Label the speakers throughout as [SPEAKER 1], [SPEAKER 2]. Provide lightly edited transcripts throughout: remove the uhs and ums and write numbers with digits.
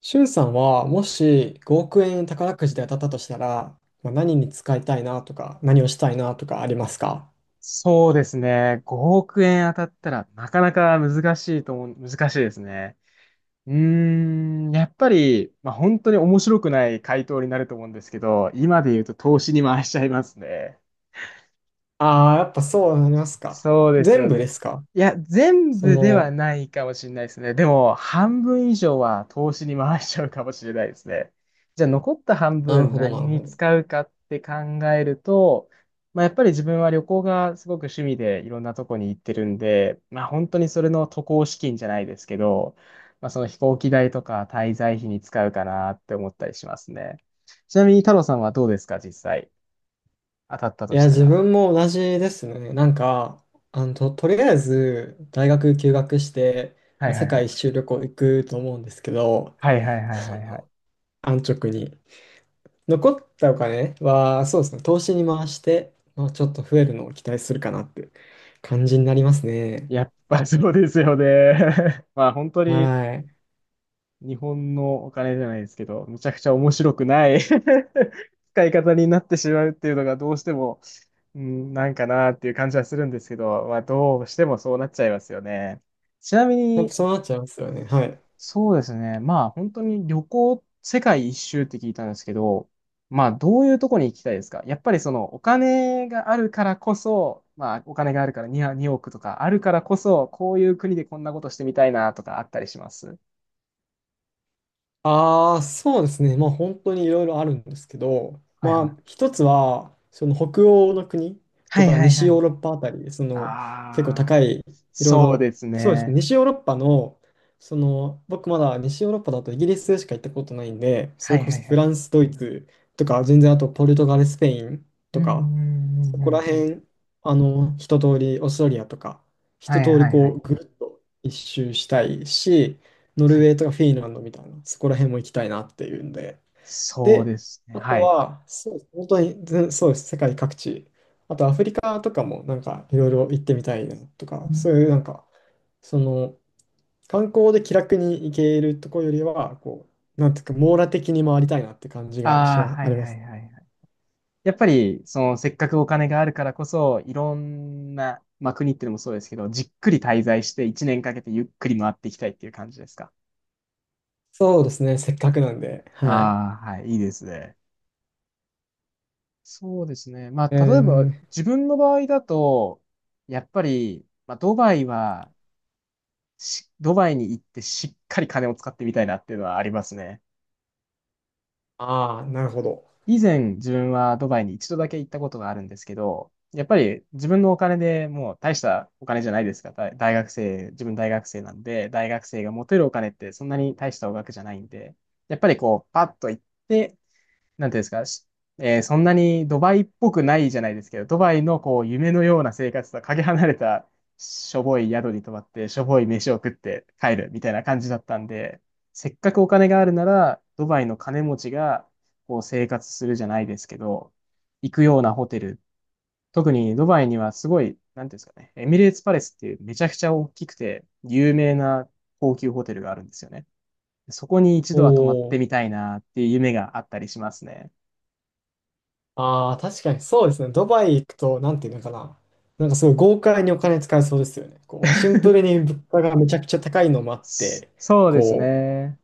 [SPEAKER 1] しゅんさんは、もし5億円宝くじで当たったとしたら、まあ、何に使いたいなとか、何をしたいなとかありますか？
[SPEAKER 2] そうですね。5億円当たったらなかなか難しいですね。うーやっぱり、まあ、本当に面白くない回答になると思うんですけど、今で言うと投資に回しちゃいますね。
[SPEAKER 1] ああー、やっぱそうなりますか。
[SPEAKER 2] そうです
[SPEAKER 1] 全
[SPEAKER 2] よ
[SPEAKER 1] 部で
[SPEAKER 2] ね。
[SPEAKER 1] すか？
[SPEAKER 2] いや、全
[SPEAKER 1] そ
[SPEAKER 2] 部では
[SPEAKER 1] の、
[SPEAKER 2] ないかもしれないですね。でも、半分以上は投資に回しちゃうかもしれないですね。じゃあ、残った半
[SPEAKER 1] なる
[SPEAKER 2] 分
[SPEAKER 1] ほど、な
[SPEAKER 2] 何
[SPEAKER 1] る
[SPEAKER 2] に
[SPEAKER 1] ほど。
[SPEAKER 2] 使うかって考えると、まあ、やっぱり自分は旅行がすごく趣味でいろんなとこに行ってるんで、まあ、本当にそれの渡航資金じゃないですけど、まあ、その飛行機代とか滞在費に使うかなって思ったりしますね。ちなみに太郎さんはどうですか、実際。当たった
[SPEAKER 1] い
[SPEAKER 2] とし
[SPEAKER 1] や、
[SPEAKER 2] た
[SPEAKER 1] 自
[SPEAKER 2] ら。
[SPEAKER 1] 分も同じですね。なんか、とりあえず、大学休学して、
[SPEAKER 2] は
[SPEAKER 1] ま
[SPEAKER 2] い
[SPEAKER 1] あ、
[SPEAKER 2] は
[SPEAKER 1] 世
[SPEAKER 2] いは
[SPEAKER 1] 界
[SPEAKER 2] い。
[SPEAKER 1] 一周旅行行くと思うんですけど、
[SPEAKER 2] はいはいはいはいはい。
[SPEAKER 1] 安直に。残ったお金は、そうですね、投資に回して、まあ、ちょっと増えるのを期待するかなって感じになりますね。
[SPEAKER 2] やっぱそうですよね。まあ本当に
[SPEAKER 1] はい。
[SPEAKER 2] 日本のお金じゃないですけど、むちゃくちゃ面白くない 使い方になってしまうっていうのがどうしても、うん、なんかなっていう感じはするんですけど、まあどうしてもそうなっちゃいますよね。ちなみ
[SPEAKER 1] やっぱ
[SPEAKER 2] に、
[SPEAKER 1] そうなっちゃいますよね。はい。
[SPEAKER 2] そうですね。まあ本当に旅行、世界一周って聞いたんですけど、まあどういうとこに行きたいですか？やっぱりそのお金があるからこそ、まあお金があるから2億とかあるからこそ、こういう国でこんなことしてみたいなとかあったりします？
[SPEAKER 1] ああ、そうですね。まあ本当にいろいろあるんですけど、
[SPEAKER 2] はいは
[SPEAKER 1] ま
[SPEAKER 2] い。
[SPEAKER 1] あ一つは、その北欧の国と
[SPEAKER 2] はい
[SPEAKER 1] か
[SPEAKER 2] はい
[SPEAKER 1] 西
[SPEAKER 2] は
[SPEAKER 1] ヨー
[SPEAKER 2] い。
[SPEAKER 1] ロッパあたり、その結構
[SPEAKER 2] あ
[SPEAKER 1] 高
[SPEAKER 2] あ、
[SPEAKER 1] い、いろい
[SPEAKER 2] そう
[SPEAKER 1] ろ、
[SPEAKER 2] です
[SPEAKER 1] そうですね。
[SPEAKER 2] ね。
[SPEAKER 1] 西ヨーロッパの、その僕まだ西ヨーロッパだとイギリスしか行ったことないんで、そ
[SPEAKER 2] は
[SPEAKER 1] れ
[SPEAKER 2] い
[SPEAKER 1] こ
[SPEAKER 2] は
[SPEAKER 1] そ
[SPEAKER 2] いは
[SPEAKER 1] フ
[SPEAKER 2] い。
[SPEAKER 1] ランス、ドイツとか、全然あとポルトガル、スペイン
[SPEAKER 2] う
[SPEAKER 1] と
[SPEAKER 2] んう
[SPEAKER 1] か、そ
[SPEAKER 2] んう
[SPEAKER 1] こら
[SPEAKER 2] んうんうん。
[SPEAKER 1] 辺、一通り、オーストラリアとか、一
[SPEAKER 2] はい
[SPEAKER 1] 通り
[SPEAKER 2] はいは
[SPEAKER 1] こ
[SPEAKER 2] い。
[SPEAKER 1] う、ぐるっと一周したいし、ノル
[SPEAKER 2] は
[SPEAKER 1] ウ
[SPEAKER 2] い。
[SPEAKER 1] ェーとかフィンランドみたいな、そこら辺も行きたいなっていうんで。
[SPEAKER 2] そう
[SPEAKER 1] で、
[SPEAKER 2] ですね。
[SPEAKER 1] あと
[SPEAKER 2] はい。
[SPEAKER 1] は、そう、本当に、全そうです、世界各地。あとアフリカとかもなんかいろいろ行ってみたいなとか、そういうなんか、その、観光で気楽に行けるとこよりは、こう、なんていうか、網羅的に回りたいなって感じがし
[SPEAKER 2] ああ
[SPEAKER 1] ま、
[SPEAKER 2] ー、は
[SPEAKER 1] あ
[SPEAKER 2] いは
[SPEAKER 1] りま
[SPEAKER 2] い
[SPEAKER 1] す。
[SPEAKER 2] はい。やっぱり、その、せっかくお金があるからこそ、いろんな、まあ、国っていうのもそうですけど、じっくり滞在して1年かけてゆっくり回っていきたいっていう感じですか。
[SPEAKER 1] そうですね、せっかくなんで、はい。
[SPEAKER 2] ああ、はい、いいですね。そうですね。ま
[SPEAKER 1] え
[SPEAKER 2] あ、例えば、
[SPEAKER 1] ー、
[SPEAKER 2] 自分の場合だと、やっぱり、まあ、ドバイに行ってしっかり金を使ってみたいなっていうのはありますね。
[SPEAKER 1] ああ、なるほど。
[SPEAKER 2] 以前自分はドバイに一度だけ行ったことがあるんですけど、やっぱり自分のお金でもう大したお金じゃないですか。大学生、自分大学生なんで、大学生が持てるお金ってそんなに大したお額じゃないんで、やっぱりこう、パッと行って、なんていうんですか、しえーそんなにドバイっぽくないじゃないですけど、ドバイのこう夢のような生活とはかけ離れたしょぼい宿に泊まって、しょぼい飯を食って帰るみたいな感じだったんで、せっかくお金があるなら、ドバイの金持ちがこう生活するじゃないですけど、行くようなホテル、特にドバイにはすごい、なんていうんですかね、エミレーツパレスっていうめちゃくちゃ大きくて有名な高級ホテルがあるんですよね。そこに一度は泊まって
[SPEAKER 1] お
[SPEAKER 2] みたいなっていう夢があったりしますね。
[SPEAKER 1] ああ、確かにそうですね。ドバイ行くと、なんていうのかな。なんかすごい豪快にお金使えそうですよね。こう、シンプルに物価がめちゃくちゃ高いのもあって、
[SPEAKER 2] そうです
[SPEAKER 1] こ
[SPEAKER 2] ね。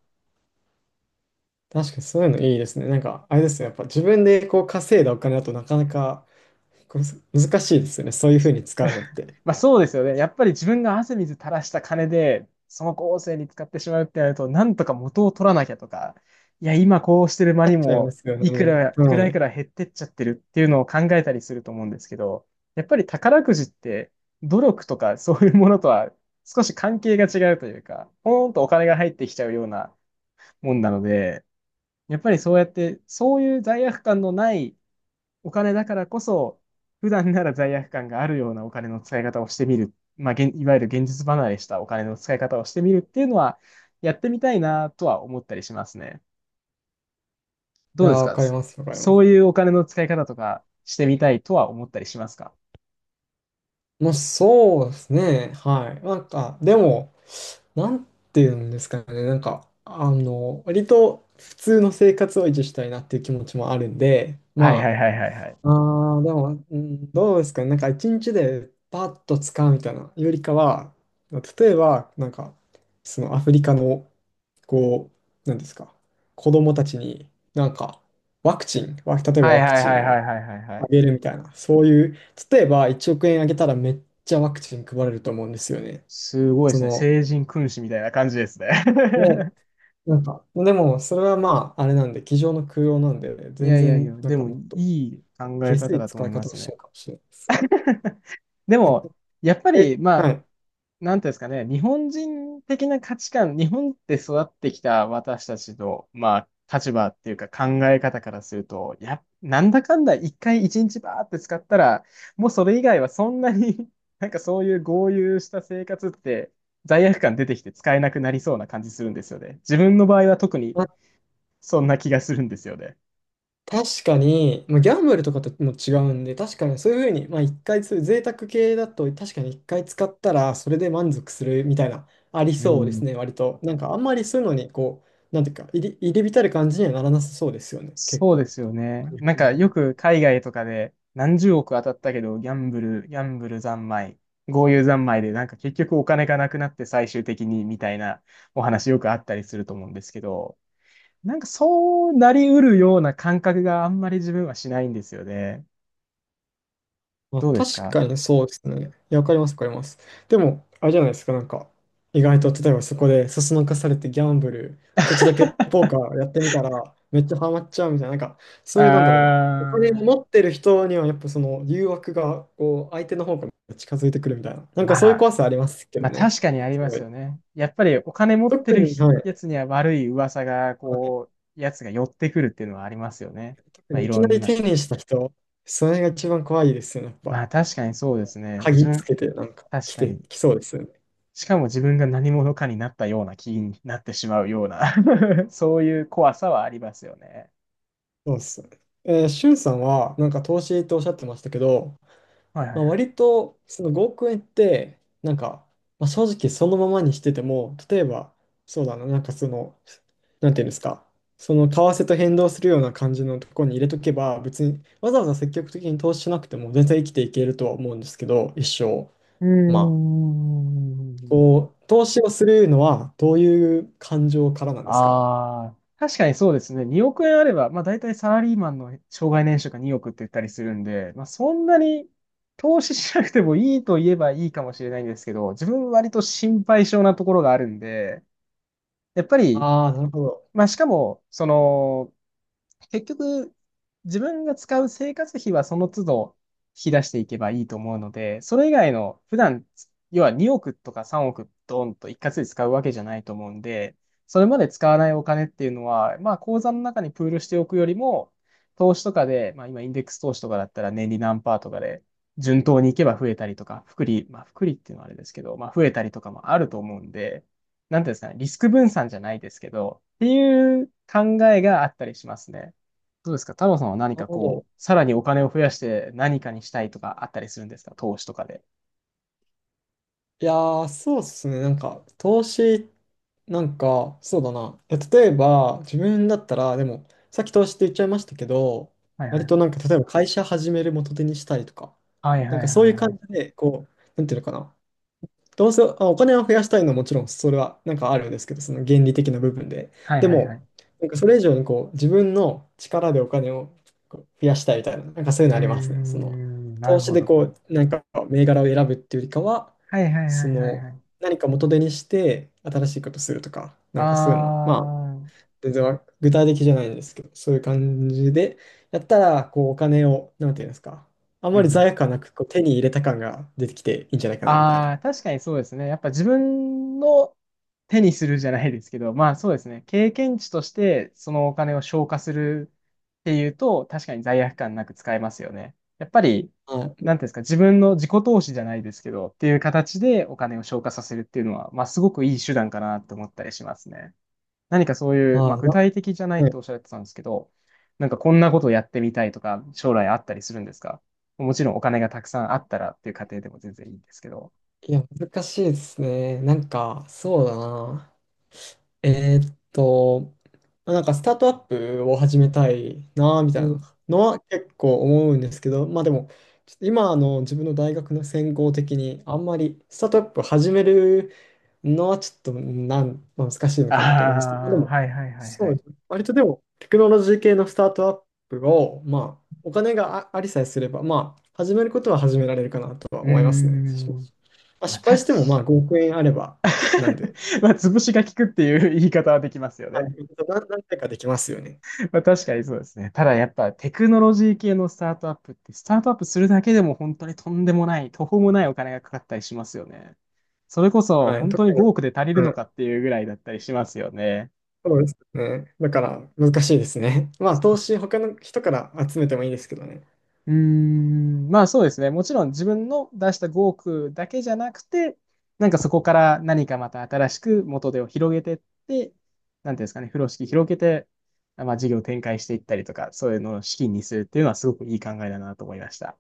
[SPEAKER 1] う、確かにそういうのいいですね。なんか、あれですね。やっぱ自分でこう稼いだお金だとなかなかこう難しいですよね。そういうふうに使うのっ て。な
[SPEAKER 2] まあそうですよね。やっぱり自分が汗水垂らした金で、その後世に使ってしまうってなると、なんとか元を取らなきゃとか、いや、今こうしてる間
[SPEAKER 1] っ
[SPEAKER 2] に
[SPEAKER 1] ちゃいま
[SPEAKER 2] も、
[SPEAKER 1] すよね。は
[SPEAKER 2] いく
[SPEAKER 1] い。
[SPEAKER 2] ら減ってっちゃってるっていうのを考えたりすると思うんですけど、やっぱり宝くじって、努力とかそういうものとは少し関係が違うというか、ポーンとお金が入ってきちゃうようなもんなので、やっぱりそうやって、そういう罪悪感のないお金だからこそ、普段なら罪悪感があるようなお金の使い方をしてみる。まあ、いわゆる現実離れしたお金の使い方をしてみるっていうのは、やってみたいなとは思ったりしますね。
[SPEAKER 1] い
[SPEAKER 2] どう
[SPEAKER 1] やー、
[SPEAKER 2] です
[SPEAKER 1] わ
[SPEAKER 2] か？
[SPEAKER 1] かります、わかりま
[SPEAKER 2] そ
[SPEAKER 1] す。
[SPEAKER 2] ういうお金の使い方とかしてみたいとは思ったりしますか？
[SPEAKER 1] もうそうですね。はい。なんか、でも、なんていうんですかね、なんか、割と普通の生活を維持したいなっていう気持ちもあるんで、
[SPEAKER 2] はいはい
[SPEAKER 1] ま
[SPEAKER 2] はいはいはい。
[SPEAKER 1] あ、あーでも、うん、どうですかね、なんか一日でパッと使うみたいなよりかは、例えば、なんか、そのアフリカの、こう、なんですか、子供たちに、なんか、ワクチン、わ例えば
[SPEAKER 2] はい
[SPEAKER 1] ワク
[SPEAKER 2] はい
[SPEAKER 1] チ
[SPEAKER 2] は
[SPEAKER 1] ン
[SPEAKER 2] いはい
[SPEAKER 1] を
[SPEAKER 2] はいはいは
[SPEAKER 1] あ
[SPEAKER 2] い。
[SPEAKER 1] げるみたいな、そういう、例えば1億円あげたらめっちゃワクチン配れると思うんですよね。
[SPEAKER 2] すごいで
[SPEAKER 1] そ
[SPEAKER 2] すね。
[SPEAKER 1] の、
[SPEAKER 2] 聖人君子みたいな感じですね。
[SPEAKER 1] で なんか、でも、それはまあ、あれなんで、机上の空用なんでね、
[SPEAKER 2] い
[SPEAKER 1] 全
[SPEAKER 2] やいやいや、
[SPEAKER 1] 然、な
[SPEAKER 2] で
[SPEAKER 1] んか
[SPEAKER 2] もい
[SPEAKER 1] もっと
[SPEAKER 2] い考え
[SPEAKER 1] 下
[SPEAKER 2] 方
[SPEAKER 1] 水
[SPEAKER 2] だと
[SPEAKER 1] 使
[SPEAKER 2] 思い
[SPEAKER 1] い
[SPEAKER 2] ま
[SPEAKER 1] 方を
[SPEAKER 2] す
[SPEAKER 1] しち
[SPEAKER 2] ね。
[SPEAKER 1] ゃうかもしれないです。
[SPEAKER 2] でも、やっぱ
[SPEAKER 1] え、
[SPEAKER 2] り、ま
[SPEAKER 1] は
[SPEAKER 2] あ、
[SPEAKER 1] い。
[SPEAKER 2] なんていうんですかね、日本人的な価値観、日本で育ってきた私たちの、まあ、立場っていうか考え方からすると、や、なんだかんだ一回一日バーって使ったら、もうそれ以外はそんなに なんかそういう豪遊した生活って罪悪感出てきて使えなくなりそうな感じするんですよね。自分の場合は特に
[SPEAKER 1] まあ、
[SPEAKER 2] そんな気がするんですよね。
[SPEAKER 1] 確かに、まあ、ギャンブルとかとも違うんで、確かにそういうふうに、まあ、一回そういう贅沢系だと、確かに一回使ったら、それで満足するみたいな、あり
[SPEAKER 2] う
[SPEAKER 1] そうです
[SPEAKER 2] ん。
[SPEAKER 1] ね、割と。なんか、あんまりそういうのに、こう、なんていうか、入り浸る感じにはならなさそうですよね、結
[SPEAKER 2] そうで
[SPEAKER 1] 構。
[SPEAKER 2] すよね。
[SPEAKER 1] 日本
[SPEAKER 2] なんかよ
[SPEAKER 1] 人。
[SPEAKER 2] く海外とかで何十億当たったけど、ギャンブル三昧、豪遊三昧でなんか結局お金がなくなって最終的にみたいなお話よくあったりすると思うんですけど、なんかそうなりうるような感覚があんまり自分はしないんですよね。
[SPEAKER 1] まあ、
[SPEAKER 2] どうです
[SPEAKER 1] 確
[SPEAKER 2] か？
[SPEAKER 1] かにそうですね。いや、わかります、わかります。でも、あれじゃないですか、なんか、意外と、例えばそこで、そそのかされてギャンブル、ちょっとだけポーカーやってみたら、めっちゃハマっちゃうみたいな、なんか、
[SPEAKER 2] あ
[SPEAKER 1] そういう、なんだろうな、お金を
[SPEAKER 2] ー、
[SPEAKER 1] 持ってる人には、やっぱその誘惑が、こう、相手の方から近づいてくるみたいな、なんかそういう
[SPEAKER 2] ま
[SPEAKER 1] 怖
[SPEAKER 2] あ、
[SPEAKER 1] さありますけ
[SPEAKER 2] ま
[SPEAKER 1] ど
[SPEAKER 2] あ
[SPEAKER 1] ね。
[SPEAKER 2] 確かにあり
[SPEAKER 1] す
[SPEAKER 2] ま
[SPEAKER 1] ご
[SPEAKER 2] す
[SPEAKER 1] い。
[SPEAKER 2] よね。やっぱりお金持って
[SPEAKER 1] 特
[SPEAKER 2] る
[SPEAKER 1] に、はい。
[SPEAKER 2] やつには悪い噂が、
[SPEAKER 1] はい、
[SPEAKER 2] やつが寄ってくるっていうのはありますよね。
[SPEAKER 1] 特
[SPEAKER 2] まあ、
[SPEAKER 1] に
[SPEAKER 2] い
[SPEAKER 1] いき
[SPEAKER 2] ろ
[SPEAKER 1] な
[SPEAKER 2] ん
[SPEAKER 1] り
[SPEAKER 2] な
[SPEAKER 1] 手にした人、それが一番怖いですよね、やっ
[SPEAKER 2] ま
[SPEAKER 1] ぱ。
[SPEAKER 2] あ確かにそうですね。自
[SPEAKER 1] 鍵つ
[SPEAKER 2] 分、
[SPEAKER 1] けて、なんか、
[SPEAKER 2] 確かに。
[SPEAKER 1] 来そうですよね。
[SPEAKER 2] しかも自分が何者かになったような気になってしまうような そういう怖さはありますよね。
[SPEAKER 1] そうっすね。シュンさんは、なんか投資っておっしゃってましたけど、
[SPEAKER 2] はいは
[SPEAKER 1] ま
[SPEAKER 2] い
[SPEAKER 1] あ、
[SPEAKER 2] はい。
[SPEAKER 1] 割と、その5億円って、なんか、まあ、正直そのままにしてても、例えば、そうだな、なんかその、なんていうんですか、その為替と変動するような感じのところに入れとけば、別にわざわざ積極的に投資しなくても全然生きていけるとは思うんですけど、一生。
[SPEAKER 2] うー
[SPEAKER 1] まあ、
[SPEAKER 2] ん。
[SPEAKER 1] こう、投資をするのは、どういう感情からなんですかね？
[SPEAKER 2] ああ、確かにそうですね。2億円あれば、まあ大体サラリーマンの障害年収が2億って言ったりするんで、まあそんなに投資しなくてもいいと言えばいいかもしれないんですけど、自分割と心配性なところがあるんで、やっぱり
[SPEAKER 1] ああ、なるほど。
[SPEAKER 2] まあ、しかも、その、結局、自分が使う生活費はその都度引き出していけばいいと思うので、それ以外の普段、要は2億とか3億ドンと一括で使うわけじゃないと思うんで、それまで使わないお金っていうのは、まあ口座の中にプールしておくよりも、投資とかで、まあ今インデックス投資とかだったら年利何パーとかで順当にいけば増えたりとか、まあ複利っていうのはあれですけど、まあ増えたりとかもあると思うんで、なんていうんですかね、リスク分散じゃないですけど、っていう考えがあったりしますね。どうですか？太郎さんは何
[SPEAKER 1] なる
[SPEAKER 2] か
[SPEAKER 1] ほ
[SPEAKER 2] こ
[SPEAKER 1] ど。
[SPEAKER 2] う、さらにお金を増やして何かにしたいとかあったりするんですか？投資とかで。
[SPEAKER 1] いやー、そうっすね。なんか、投資、なんか、そうだな。例えば、自分だったら、でも、さっき投資って言っちゃいましたけど、
[SPEAKER 2] はいはいは
[SPEAKER 1] 割となん
[SPEAKER 2] い。
[SPEAKER 1] か、例えば会社始める元手にしたりとか、
[SPEAKER 2] はい
[SPEAKER 1] な
[SPEAKER 2] は
[SPEAKER 1] ん
[SPEAKER 2] い
[SPEAKER 1] かそ
[SPEAKER 2] は
[SPEAKER 1] う
[SPEAKER 2] い
[SPEAKER 1] いう
[SPEAKER 2] は
[SPEAKER 1] 感じ
[SPEAKER 2] い。
[SPEAKER 1] で、こう、なんていうのかな。どうせ、お金は増やしたいのはもちろんそれはなんかあるんですけど、その原理的な部分で。
[SPEAKER 2] はい
[SPEAKER 1] で
[SPEAKER 2] はいは
[SPEAKER 1] も、
[SPEAKER 2] い。
[SPEAKER 1] なんかそれ以上にこう自分の力でお金をこう増やしたいみたいな、なんかそう
[SPEAKER 2] う
[SPEAKER 1] いう
[SPEAKER 2] ー
[SPEAKER 1] のありますね。その
[SPEAKER 2] ん、な
[SPEAKER 1] 投
[SPEAKER 2] る
[SPEAKER 1] 資
[SPEAKER 2] ほ
[SPEAKER 1] で
[SPEAKER 2] ど。
[SPEAKER 1] こう、なんか銘柄を選ぶっていうよりかは、
[SPEAKER 2] はいはいは
[SPEAKER 1] そ
[SPEAKER 2] いはい
[SPEAKER 1] の
[SPEAKER 2] はい。
[SPEAKER 1] 何か元手にして新しいことするとか、な
[SPEAKER 2] あ
[SPEAKER 1] んかそういうの、まあ、
[SPEAKER 2] ー、
[SPEAKER 1] 全然具体的じゃないんですけど、そういう感じでやったら、こうお金を、なんていうんですか、あん
[SPEAKER 2] う
[SPEAKER 1] まり
[SPEAKER 2] ん。
[SPEAKER 1] 罪悪感なくこう手に入れた感が出てきていいんじゃないかなみたい
[SPEAKER 2] あ
[SPEAKER 1] な。
[SPEAKER 2] あ、確かにそうですね。やっぱ自分の手にするじゃないですけど、まあそうですね。経験値としてそのお金を消化するっていうと、確かに罪悪感なく使えますよね。やっぱり、
[SPEAKER 1] はい。
[SPEAKER 2] なんていうんですか、自分の自己投資じゃないですけど、っていう形でお金を消化させるっていうのは、まあすごくいい手段かなと思ったりしますね。何かそういう、
[SPEAKER 1] あ
[SPEAKER 2] まあ
[SPEAKER 1] あ、
[SPEAKER 2] 具体的じゃない
[SPEAKER 1] はい。
[SPEAKER 2] とおっしゃってたんですけど、なんかこんなことをやってみたいとか、将来あったりするんですか？もちろんお金がたくさんあったらっていう過程でも全然いいんですけど。
[SPEAKER 1] いや、難しいですね。なんか、そうだな。えーっと、まあなんかスタートアップを始めたいな、み
[SPEAKER 2] う
[SPEAKER 1] たい
[SPEAKER 2] ん
[SPEAKER 1] なのは結構思うんですけど、まあでも、ちょっと今の自分の大学の専攻的に、あんまりスタートアップ始めるのはちょっとまあ難しいの
[SPEAKER 2] あ
[SPEAKER 1] かなと思いますけど、まあで
[SPEAKER 2] あー、
[SPEAKER 1] も、
[SPEAKER 2] はいはいはい
[SPEAKER 1] そ
[SPEAKER 2] は
[SPEAKER 1] う
[SPEAKER 2] い。
[SPEAKER 1] ですね。割とでも、テクノロジー系のスタートアップを、まあ、お金がありさえすれば、まあ、始めることは始められるかなとは
[SPEAKER 2] うー
[SPEAKER 1] 思いますね。
[SPEAKER 2] ん。
[SPEAKER 1] まあ、
[SPEAKER 2] まあ、
[SPEAKER 1] 失敗
[SPEAKER 2] 確
[SPEAKER 1] し
[SPEAKER 2] か
[SPEAKER 1] ても、まあ、5億円あれば、なんで、
[SPEAKER 2] まあ、潰しが効くっていう言い方はできますよ
[SPEAKER 1] は
[SPEAKER 2] ね。
[SPEAKER 1] い、何回かできますよね。
[SPEAKER 2] まあ、確かにそうですね。ただやっぱテクノロジー系のスタートアップって、スタートアップするだけでも本当にとんでもない、途方もないお金がかかったりしますよね。それこそ
[SPEAKER 1] はい、
[SPEAKER 2] 本
[SPEAKER 1] 特
[SPEAKER 2] 当に
[SPEAKER 1] に、
[SPEAKER 2] 5億で足りる
[SPEAKER 1] は
[SPEAKER 2] の
[SPEAKER 1] い、
[SPEAKER 2] かっていうぐらいだったりしますよね。
[SPEAKER 1] そうですね。だから、難しいですね。まあ、投資、他の人から集めてもいいですけどね。
[SPEAKER 2] うーん、まあそうですね。もちろん自分の出した5億だけじゃなくて、なんかそこから何かまた新しく元手を広げてって、なんていうんですかね、風呂敷広げて、まあ事業展開していったりとか、そういうのを資金にするっていうのはすごくいい考えだなと思いました。